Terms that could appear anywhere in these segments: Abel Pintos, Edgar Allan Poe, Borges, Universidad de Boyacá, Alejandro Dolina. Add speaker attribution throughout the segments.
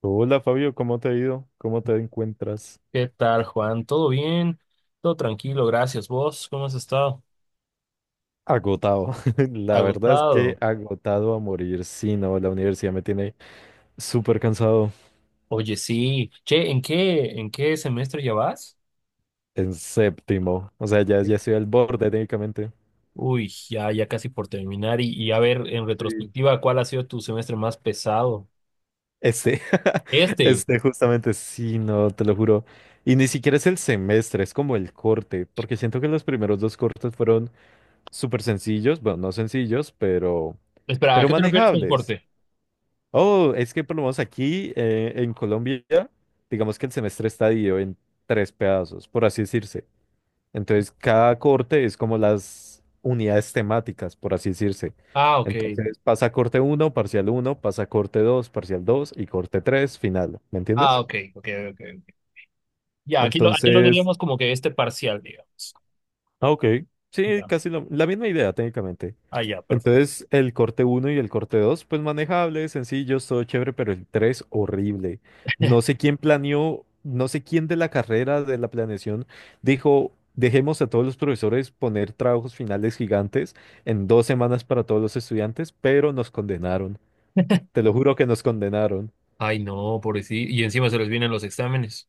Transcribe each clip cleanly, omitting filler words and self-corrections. Speaker 1: Hola Fabio, ¿cómo te ha ido? ¿Cómo te encuentras?
Speaker 2: ¿Qué tal, Juan? ¿Todo bien? Todo tranquilo, gracias. ¿Vos cómo has estado?
Speaker 1: Agotado. La verdad es que
Speaker 2: Agotado.
Speaker 1: agotado a morir. Sí, no, la universidad me tiene súper cansado
Speaker 2: Oye, sí. Che, en qué semestre ya vas?
Speaker 1: en séptimo. O sea, ya estoy al borde técnicamente.
Speaker 2: Uy, ya, ya casi por terminar. Y a ver, en
Speaker 1: Sí.
Speaker 2: retrospectiva, ¿cuál ha sido tu semestre más pesado?
Speaker 1: Este,
Speaker 2: Este.
Speaker 1: este justamente, sí, no, te lo juro. Y ni siquiera es el semestre, es como el corte, porque siento que los primeros dos cortes fueron súper sencillos, bueno, no sencillos, pero,
Speaker 2: Espera, ¿a
Speaker 1: pero
Speaker 2: qué te refieres con
Speaker 1: manejables.
Speaker 2: corte?
Speaker 1: Oh, es que por lo menos aquí en Colombia, digamos que el semestre está dividido en tres pedazos, por así decirse. Entonces, cada corte es como las unidades temáticas, por así decirse.
Speaker 2: Ah, ok.
Speaker 1: Entonces, pasa corte uno, parcial uno, pasa corte 2, parcial 2 y corte 3, final. ¿Me
Speaker 2: Ah,
Speaker 1: entiendes?
Speaker 2: ok, ok, ok, ok. Ya, aquí lo
Speaker 1: Entonces,
Speaker 2: diríamos como que este parcial, digamos.
Speaker 1: ah, ok. Sí,
Speaker 2: Ya.
Speaker 1: la misma idea técnicamente.
Speaker 2: Ah, ya, perfecto.
Speaker 1: Entonces, el corte uno y el corte 2, pues manejables, sencillos, todo chévere, pero el 3 horrible. No sé quién planeó, no sé quién de la carrera de la planeación dijo, dejemos a todos los profesores poner trabajos finales gigantes en dos semanas para todos los estudiantes, pero nos condenaron. Te lo juro que nos condenaron.
Speaker 2: Ay, no, pobrecito. Y encima se les vienen los exámenes.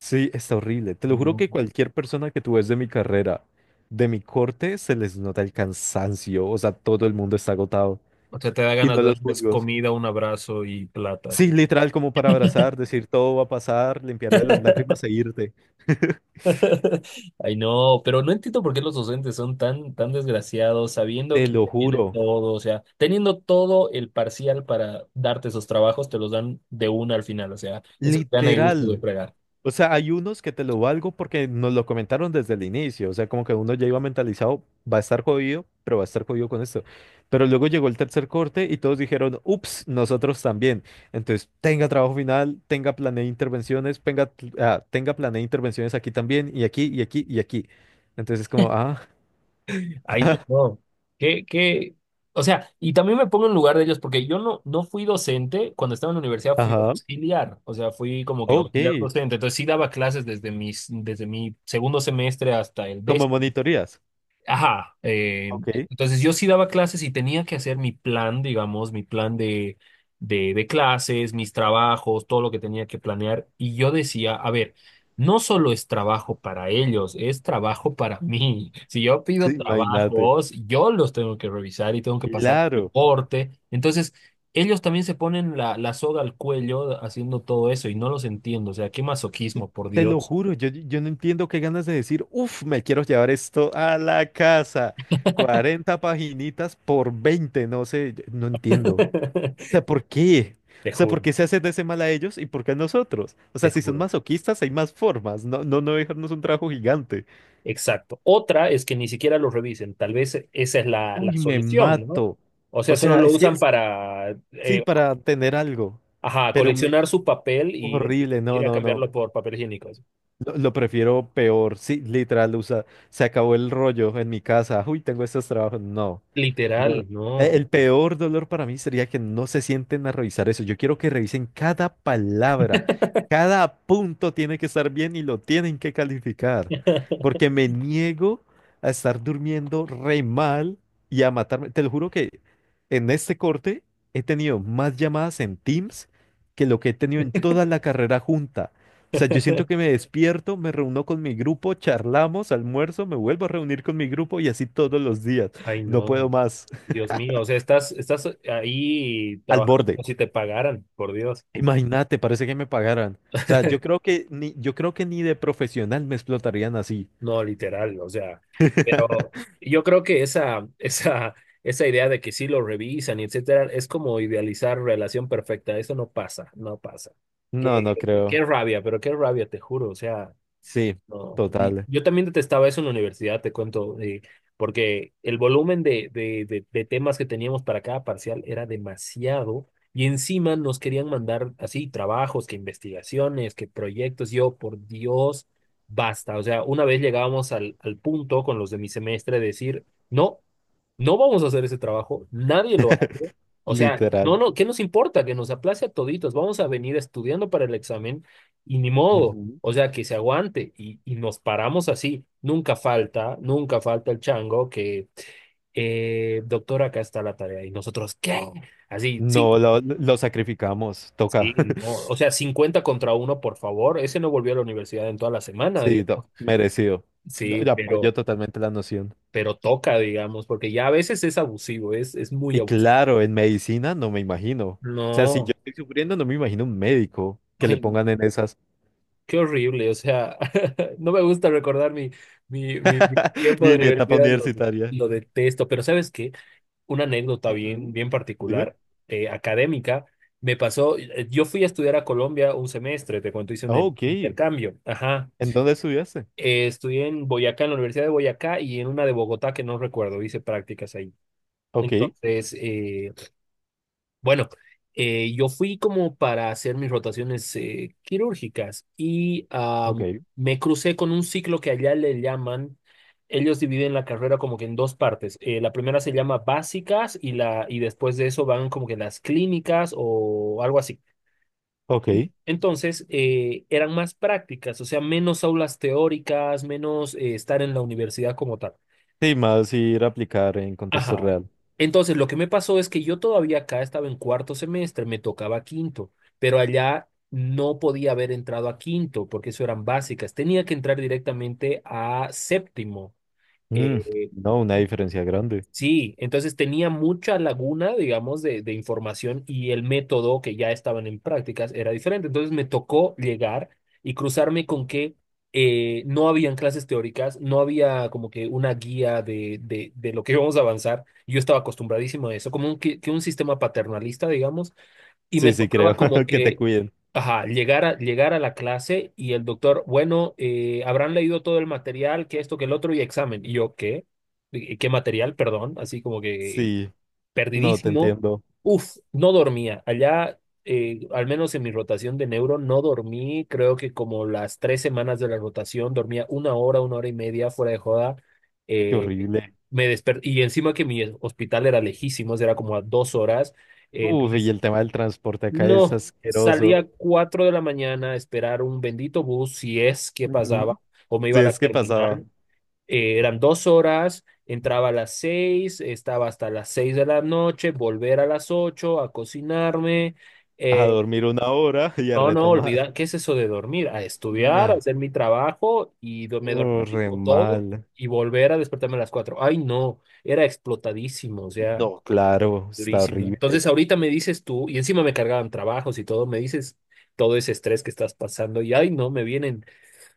Speaker 1: Sí, está horrible. Te lo juro
Speaker 2: No.
Speaker 1: que cualquier persona que tú ves de mi carrera, de mi corte, se les nota el cansancio. O sea, todo el mundo está agotado.
Speaker 2: O sea, te da
Speaker 1: Y
Speaker 2: ganas
Speaker 1: no
Speaker 2: de
Speaker 1: los
Speaker 2: darles
Speaker 1: juzgo.
Speaker 2: comida, un abrazo y plata,
Speaker 1: Sí,
Speaker 2: así.
Speaker 1: literal, como para abrazar, decir todo va a pasar, limpiarle las lágrimas e irte.
Speaker 2: Ay, no, pero no entiendo por qué los docentes son tan, tan desgraciados, sabiendo
Speaker 1: Te
Speaker 2: que
Speaker 1: lo
Speaker 2: se tiene
Speaker 1: juro.
Speaker 2: todo, o sea, teniendo todo el parcial para darte esos trabajos, te los dan de una al final, o sea, eso es gana y gusto de
Speaker 1: Literal.
Speaker 2: fregar.
Speaker 1: O sea, hay unos que te lo valgo porque nos lo comentaron desde el inicio. O sea, como que uno ya iba mentalizado, va a estar jodido, pero va a estar jodido con esto. Pero luego llegó el tercer corte y todos dijeron, ups, nosotros también. Entonces, tenga trabajo final, tenga planeé intervenciones, tenga, ah, tenga planeé intervenciones aquí también, y aquí, y aquí, y aquí. Entonces, como, ah,
Speaker 2: Ay, no, no. ¿Qué, qué? O sea, y también me pongo en lugar de ellos, porque yo no, no fui docente. Cuando estaba en la universidad fui
Speaker 1: ajá,
Speaker 2: auxiliar, o sea, fui como que
Speaker 1: ok,
Speaker 2: auxiliar docente, entonces sí daba clases desde mis, desde mi segundo semestre hasta el
Speaker 1: como
Speaker 2: décimo.
Speaker 1: monitorías.
Speaker 2: Ajá,
Speaker 1: Ok,
Speaker 2: entonces yo sí daba clases y tenía que hacer mi plan, digamos, mi plan de clases, mis trabajos, todo lo que tenía que planear. Y yo decía, a ver, no solo es trabajo para ellos, es trabajo para mí. Si yo
Speaker 1: sí,
Speaker 2: pido
Speaker 1: imagínate.
Speaker 2: trabajos, yo los tengo que revisar y tengo que pasar un
Speaker 1: Claro.
Speaker 2: reporte. Entonces, ellos también se ponen la, la soga al cuello haciendo todo eso y no los entiendo. O sea, qué masoquismo, por
Speaker 1: Te lo
Speaker 2: Dios.
Speaker 1: juro, yo no entiendo qué ganas de decir, uff, me quiero llevar esto a la casa. 40 paginitas por 20, no sé, yo no entiendo. O sea, ¿por qué? O
Speaker 2: Te
Speaker 1: sea, ¿por
Speaker 2: juro,
Speaker 1: qué se hace de ese mal a ellos y por qué a nosotros? O
Speaker 2: te
Speaker 1: sea, si son
Speaker 2: juro.
Speaker 1: masoquistas, hay más formas, no, no, no dejarnos un trabajo gigante.
Speaker 2: Exacto. Otra es que ni siquiera los revisen. Tal vez esa es la, la
Speaker 1: Uy, me
Speaker 2: solución, ¿no?
Speaker 1: mato.
Speaker 2: O sea,
Speaker 1: O
Speaker 2: solo
Speaker 1: sea,
Speaker 2: lo usan para,
Speaker 1: sí, para tener algo,
Speaker 2: ajá,
Speaker 1: pero me...
Speaker 2: coleccionar su papel y
Speaker 1: Horrible, no,
Speaker 2: ir a
Speaker 1: no, no.
Speaker 2: cambiarlo por papel higiénico.
Speaker 1: Lo prefiero peor, sí, literal, usa, se acabó el rollo en mi casa, uy, tengo estos trabajos, no,
Speaker 2: Literal,
Speaker 1: no.
Speaker 2: no.
Speaker 1: El peor dolor para mí sería que no se sienten a revisar eso, yo quiero que revisen cada palabra, cada punto tiene que estar bien y lo tienen que calificar, porque me niego a estar durmiendo re mal y a matarme, te lo juro que en este corte he tenido más llamadas en Teams que lo que he tenido en toda la carrera junta. O sea, yo siento que me despierto, me reúno con mi grupo, charlamos, almuerzo, me vuelvo a reunir con mi grupo y así todos los días.
Speaker 2: Ay,
Speaker 1: No puedo
Speaker 2: no.
Speaker 1: más.
Speaker 2: Dios mío, o sea, estás, estás ahí
Speaker 1: Al
Speaker 2: trabajando
Speaker 1: borde.
Speaker 2: como si te pagaran, por Dios.
Speaker 1: Imagínate, parece que me pagaran. O sea, yo creo que ni, yo creo que ni de profesional me explotarían así.
Speaker 2: No, literal, o sea, pero yo creo que esa, esa idea de que sí lo revisan y etcétera, es como idealizar relación perfecta. Eso no pasa, no pasa.
Speaker 1: No,
Speaker 2: Qué,
Speaker 1: no creo.
Speaker 2: qué rabia, pero qué rabia, te juro. O sea,
Speaker 1: Sí,
Speaker 2: no, y
Speaker 1: total,
Speaker 2: yo también detestaba eso en la universidad, te cuento, porque el volumen de temas que teníamos para cada parcial era demasiado y encima nos querían mandar así trabajos, que investigaciones, que proyectos. Yo, por Dios, basta. O sea, una vez llegábamos al, al punto con los de mi semestre de decir, no, no vamos a hacer ese trabajo, nadie lo hace. O sea,
Speaker 1: literal.
Speaker 2: no, no, ¿qué nos importa? Que nos aplace a toditos, vamos a venir estudiando para el examen y ni modo,
Speaker 1: Ujú.
Speaker 2: o sea, que se aguante y nos paramos así. Nunca falta, nunca falta el chango que, doctor, acá está la tarea. Y nosotros, ¿qué? Así, sí,
Speaker 1: No, lo sacrificamos, toca.
Speaker 2: sí, no. O sea, 50 contra uno, por favor. Ese no volvió a la universidad en toda la semana,
Speaker 1: Sí, no,
Speaker 2: digamos.
Speaker 1: merecido. No,
Speaker 2: Sí,
Speaker 1: yo apoyo totalmente la noción.
Speaker 2: pero toca, digamos, porque ya a veces es abusivo, es muy
Speaker 1: Y
Speaker 2: abusivo.
Speaker 1: claro, en medicina no me imagino. O sea, si yo
Speaker 2: No,
Speaker 1: estoy sufriendo, no me imagino un médico que le
Speaker 2: ay, no,
Speaker 1: pongan en esas.
Speaker 2: qué horrible, o sea, no me gusta recordar mi, mi tiempo de
Speaker 1: Mi etapa
Speaker 2: universidad,
Speaker 1: universitaria.
Speaker 2: lo detesto, pero ¿sabes qué? Una anécdota bien,
Speaker 1: Ujú.
Speaker 2: bien
Speaker 1: Dime.
Speaker 2: particular, académica. Me pasó, yo fui a estudiar a Colombia un semestre, te cuento, hice un
Speaker 1: Ah, ok.
Speaker 2: intercambio. Ajá.
Speaker 1: ¿En dónde estudiaste?
Speaker 2: Estudié en Boyacá, en la Universidad de Boyacá y en una de Bogotá que no recuerdo, hice prácticas ahí.
Speaker 1: Ok,
Speaker 2: Entonces, bueno, yo fui como para hacer mis rotaciones quirúrgicas y
Speaker 1: ok,
Speaker 2: me crucé con un ciclo que allá le llaman, ellos dividen la carrera como que en dos partes. La primera se llama básicas y, la, y después de eso van como que las clínicas o algo así.
Speaker 1: ok.
Speaker 2: Entonces, eran más prácticas, o sea, menos aulas teóricas, menos estar en la universidad como tal.
Speaker 1: Sí, más ir a aplicar en contexto
Speaker 2: Ajá.
Speaker 1: real.
Speaker 2: Entonces, lo que me pasó es que yo todavía acá estaba en cuarto semestre, me tocaba quinto, pero allá no podía haber entrado a quinto porque eso eran básicas. Tenía que entrar directamente a séptimo.
Speaker 1: Mm,
Speaker 2: eh,
Speaker 1: no, una diferencia grande.
Speaker 2: Sí, entonces tenía mucha laguna, digamos, de información, y el método que ya estaban en prácticas era diferente. Entonces me tocó llegar y cruzarme con que no habían clases teóricas, no había como que una guía de lo que íbamos a avanzar. Yo estaba acostumbradísimo a eso, como un, que un sistema paternalista, digamos, y me
Speaker 1: Sí, sí,
Speaker 2: tocaba
Speaker 1: creo
Speaker 2: como
Speaker 1: que te
Speaker 2: que.
Speaker 1: cuiden.
Speaker 2: Ajá, llegar a, llegar a la clase y el doctor, bueno, habrán leído todo el material, que esto, que el otro, y examen. Y yo, ¿qué? ¿Qué material? Perdón, así como que
Speaker 1: Sí, no, te
Speaker 2: perdidísimo.
Speaker 1: entiendo.
Speaker 2: Uf, no dormía. Allá, al menos en mi rotación de neuro, no dormí. Creo que como las tres semanas de la rotación, dormía una hora y media fuera de joda.
Speaker 1: Qué
Speaker 2: Eh,
Speaker 1: horrible.
Speaker 2: y encima que mi hospital era lejísimo, era como a dos horas.
Speaker 1: Uf, y
Speaker 2: Entonces
Speaker 1: el tema del transporte acá es
Speaker 2: no,
Speaker 1: asqueroso.
Speaker 2: salía 4 de la mañana a esperar un bendito bus, si es que
Speaker 1: Ujú.
Speaker 2: pasaba, o me iba
Speaker 1: Sí,
Speaker 2: a la
Speaker 1: es que pasaba.
Speaker 2: terminal. Eran dos horas, entraba a las 6, estaba hasta las 6 de la noche, volver a las 8 a cocinarme.
Speaker 1: A
Speaker 2: Eh,
Speaker 1: dormir una hora y a
Speaker 2: no, no,
Speaker 1: retomar.
Speaker 2: olvidar, ¿qué es eso de dormir? A estudiar, a
Speaker 1: No,
Speaker 2: hacer mi trabajo y me dormía
Speaker 1: oh, re
Speaker 2: tipo todo
Speaker 1: mal.
Speaker 2: y volver a despertarme a las 4. Ay, no, era explotadísimo, o sea.
Speaker 1: No. Claro, está
Speaker 2: Durísimo.
Speaker 1: horrible.
Speaker 2: Entonces, ahorita me dices tú, y encima me cargaban trabajos y todo, me dices todo ese estrés que estás pasando, y ay, no, me vienen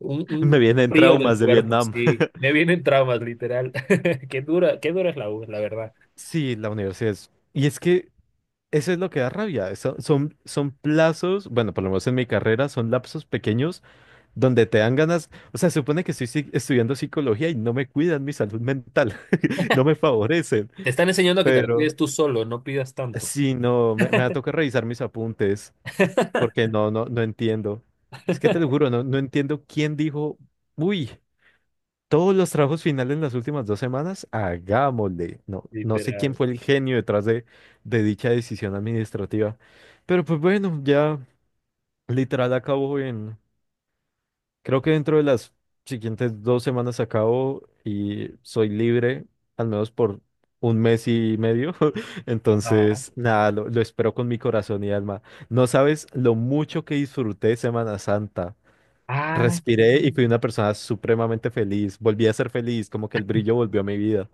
Speaker 1: Me
Speaker 2: un
Speaker 1: vienen
Speaker 2: frío en el
Speaker 1: traumas de
Speaker 2: cuerpo,
Speaker 1: Vietnam.
Speaker 2: sí, me vienen traumas, literal. Qué dura es la U, la verdad.
Speaker 1: Sí, la universidad es... Y es que eso es lo que da rabia. Son, son plazos, bueno, por lo menos en mi carrera, son lapsos pequeños donde te dan ganas. O sea, se supone que estoy si- estudiando psicología y no me cuidan mi salud mental, no me favorecen.
Speaker 2: Te están enseñando a que te la cuides
Speaker 1: Pero
Speaker 2: tú solo, no pidas tanto,
Speaker 1: sí, no, me va a tocar revisar mis apuntes. Porque no, no, no entiendo. Es que te lo juro, no, no entiendo quién dijo, uy, todos los trabajos finales en las últimas dos semanas, hagámosle. No, no sé quién
Speaker 2: literal.
Speaker 1: fue el genio detrás de dicha decisión administrativa. Pero pues bueno, ya literal acabó en, creo que dentro de las siguientes dos semanas acabo y soy libre, al menos por un mes y medio.
Speaker 2: Ajá.
Speaker 1: Entonces, nada, lo espero con mi corazón y alma. No sabes lo mucho que disfruté Semana Santa.
Speaker 2: Ah, sí.
Speaker 1: Respiré y fui una persona supremamente feliz. Volví a ser feliz, como que el brillo volvió a mi vida.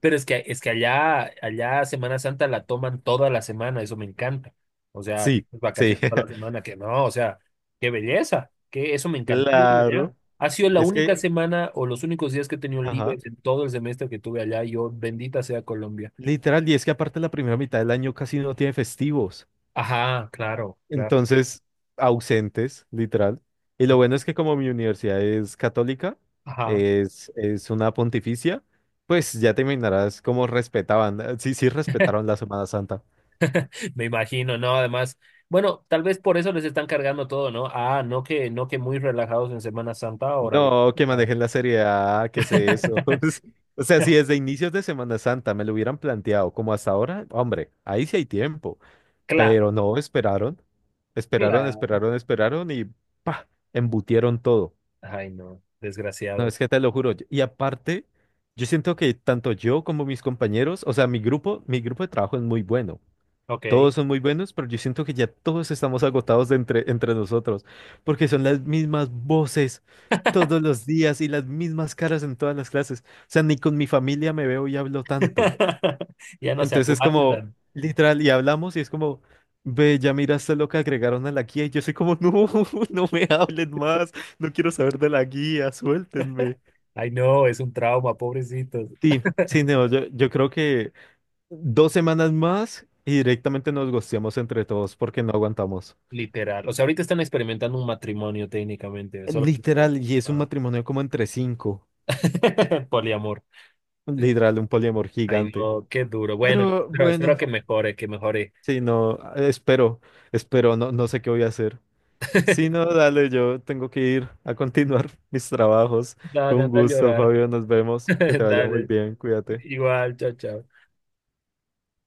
Speaker 2: Pero es que allá, allá Semana Santa la toman toda la semana, eso me encanta. O sea,
Speaker 1: Sí,
Speaker 2: tienes
Speaker 1: sí,
Speaker 2: vacaciones toda la semana, que no, o sea, qué belleza, que eso me encantó ir
Speaker 1: claro.
Speaker 2: allá. Ha sido la
Speaker 1: Es
Speaker 2: única
Speaker 1: que,
Speaker 2: semana o los únicos días que he tenido
Speaker 1: ajá,
Speaker 2: libres en todo el semestre que tuve allá. Yo, bendita sea Colombia.
Speaker 1: literal, y es que aparte la primera mitad del año casi no tiene festivos.
Speaker 2: Ajá, claro, claro.
Speaker 1: Entonces, ausentes, literal. Y lo bueno es que como mi universidad es católica,
Speaker 2: Ajá,
Speaker 1: es una pontificia, pues ya te imaginarás cómo respetaban, sí, sí respetaron la Semana Santa.
Speaker 2: me imagino, ¿no? Además, bueno, tal vez por eso les están cargando todo, ¿no? Ah, no que, no que muy relajados en Semana Santa, órale.
Speaker 1: No, que
Speaker 2: Ah.
Speaker 1: manejen la seriedad, que sé eso. O sea, si desde inicios de Semana Santa me lo hubieran planteado como hasta ahora, hombre, ahí sí hay tiempo.
Speaker 2: Claro,
Speaker 1: Pero no, esperaron, esperaron,
Speaker 2: claro.
Speaker 1: esperaron, esperaron y pa, embutieron todo.
Speaker 2: Ay, no,
Speaker 1: No,
Speaker 2: desgraciado.
Speaker 1: es que te lo juro. Y aparte, yo siento que tanto yo como mis compañeros, o sea, mi grupo de trabajo es muy bueno.
Speaker 2: Ok.
Speaker 1: Todos son muy buenos, pero yo siento que ya todos estamos agotados de entre, entre nosotros, porque son las mismas voces todos los días y las mismas caras en todas las clases. O sea, ni con mi familia me veo y hablo tanto.
Speaker 2: Ya no se
Speaker 1: Entonces es como,
Speaker 2: aguantan.
Speaker 1: literal, y hablamos y es como, ve, ya miraste lo que agregaron a la guía y yo soy como, no, no me hablen más, no quiero saber de la guía, suéltenme.
Speaker 2: Ay, no, es un trauma, pobrecitos.
Speaker 1: Sí, sí, no, yo creo que dos semanas más y directamente nos gosteamos entre todos porque no aguantamos.
Speaker 2: Literal. O sea, ahorita están experimentando un matrimonio técnicamente, solo que...
Speaker 1: Literal, y es un
Speaker 2: Ah.
Speaker 1: matrimonio como entre cinco.
Speaker 2: Poliamor.
Speaker 1: Literal, un poliamor
Speaker 2: Ay,
Speaker 1: gigante.
Speaker 2: no, qué duro. Bueno,
Speaker 1: Pero
Speaker 2: espero, espero
Speaker 1: bueno,
Speaker 2: que mejore, que mejore.
Speaker 1: sí, no, espero, espero, no, no sé qué voy a hacer. Sí, no, dale, yo tengo que ir a continuar mis trabajos. Fue
Speaker 2: Dale,
Speaker 1: un
Speaker 2: anda a
Speaker 1: gusto,
Speaker 2: llorar.
Speaker 1: Fabio, nos vemos. Que te vaya muy
Speaker 2: Dale.
Speaker 1: bien, cuídate.
Speaker 2: Igual, chao, chao.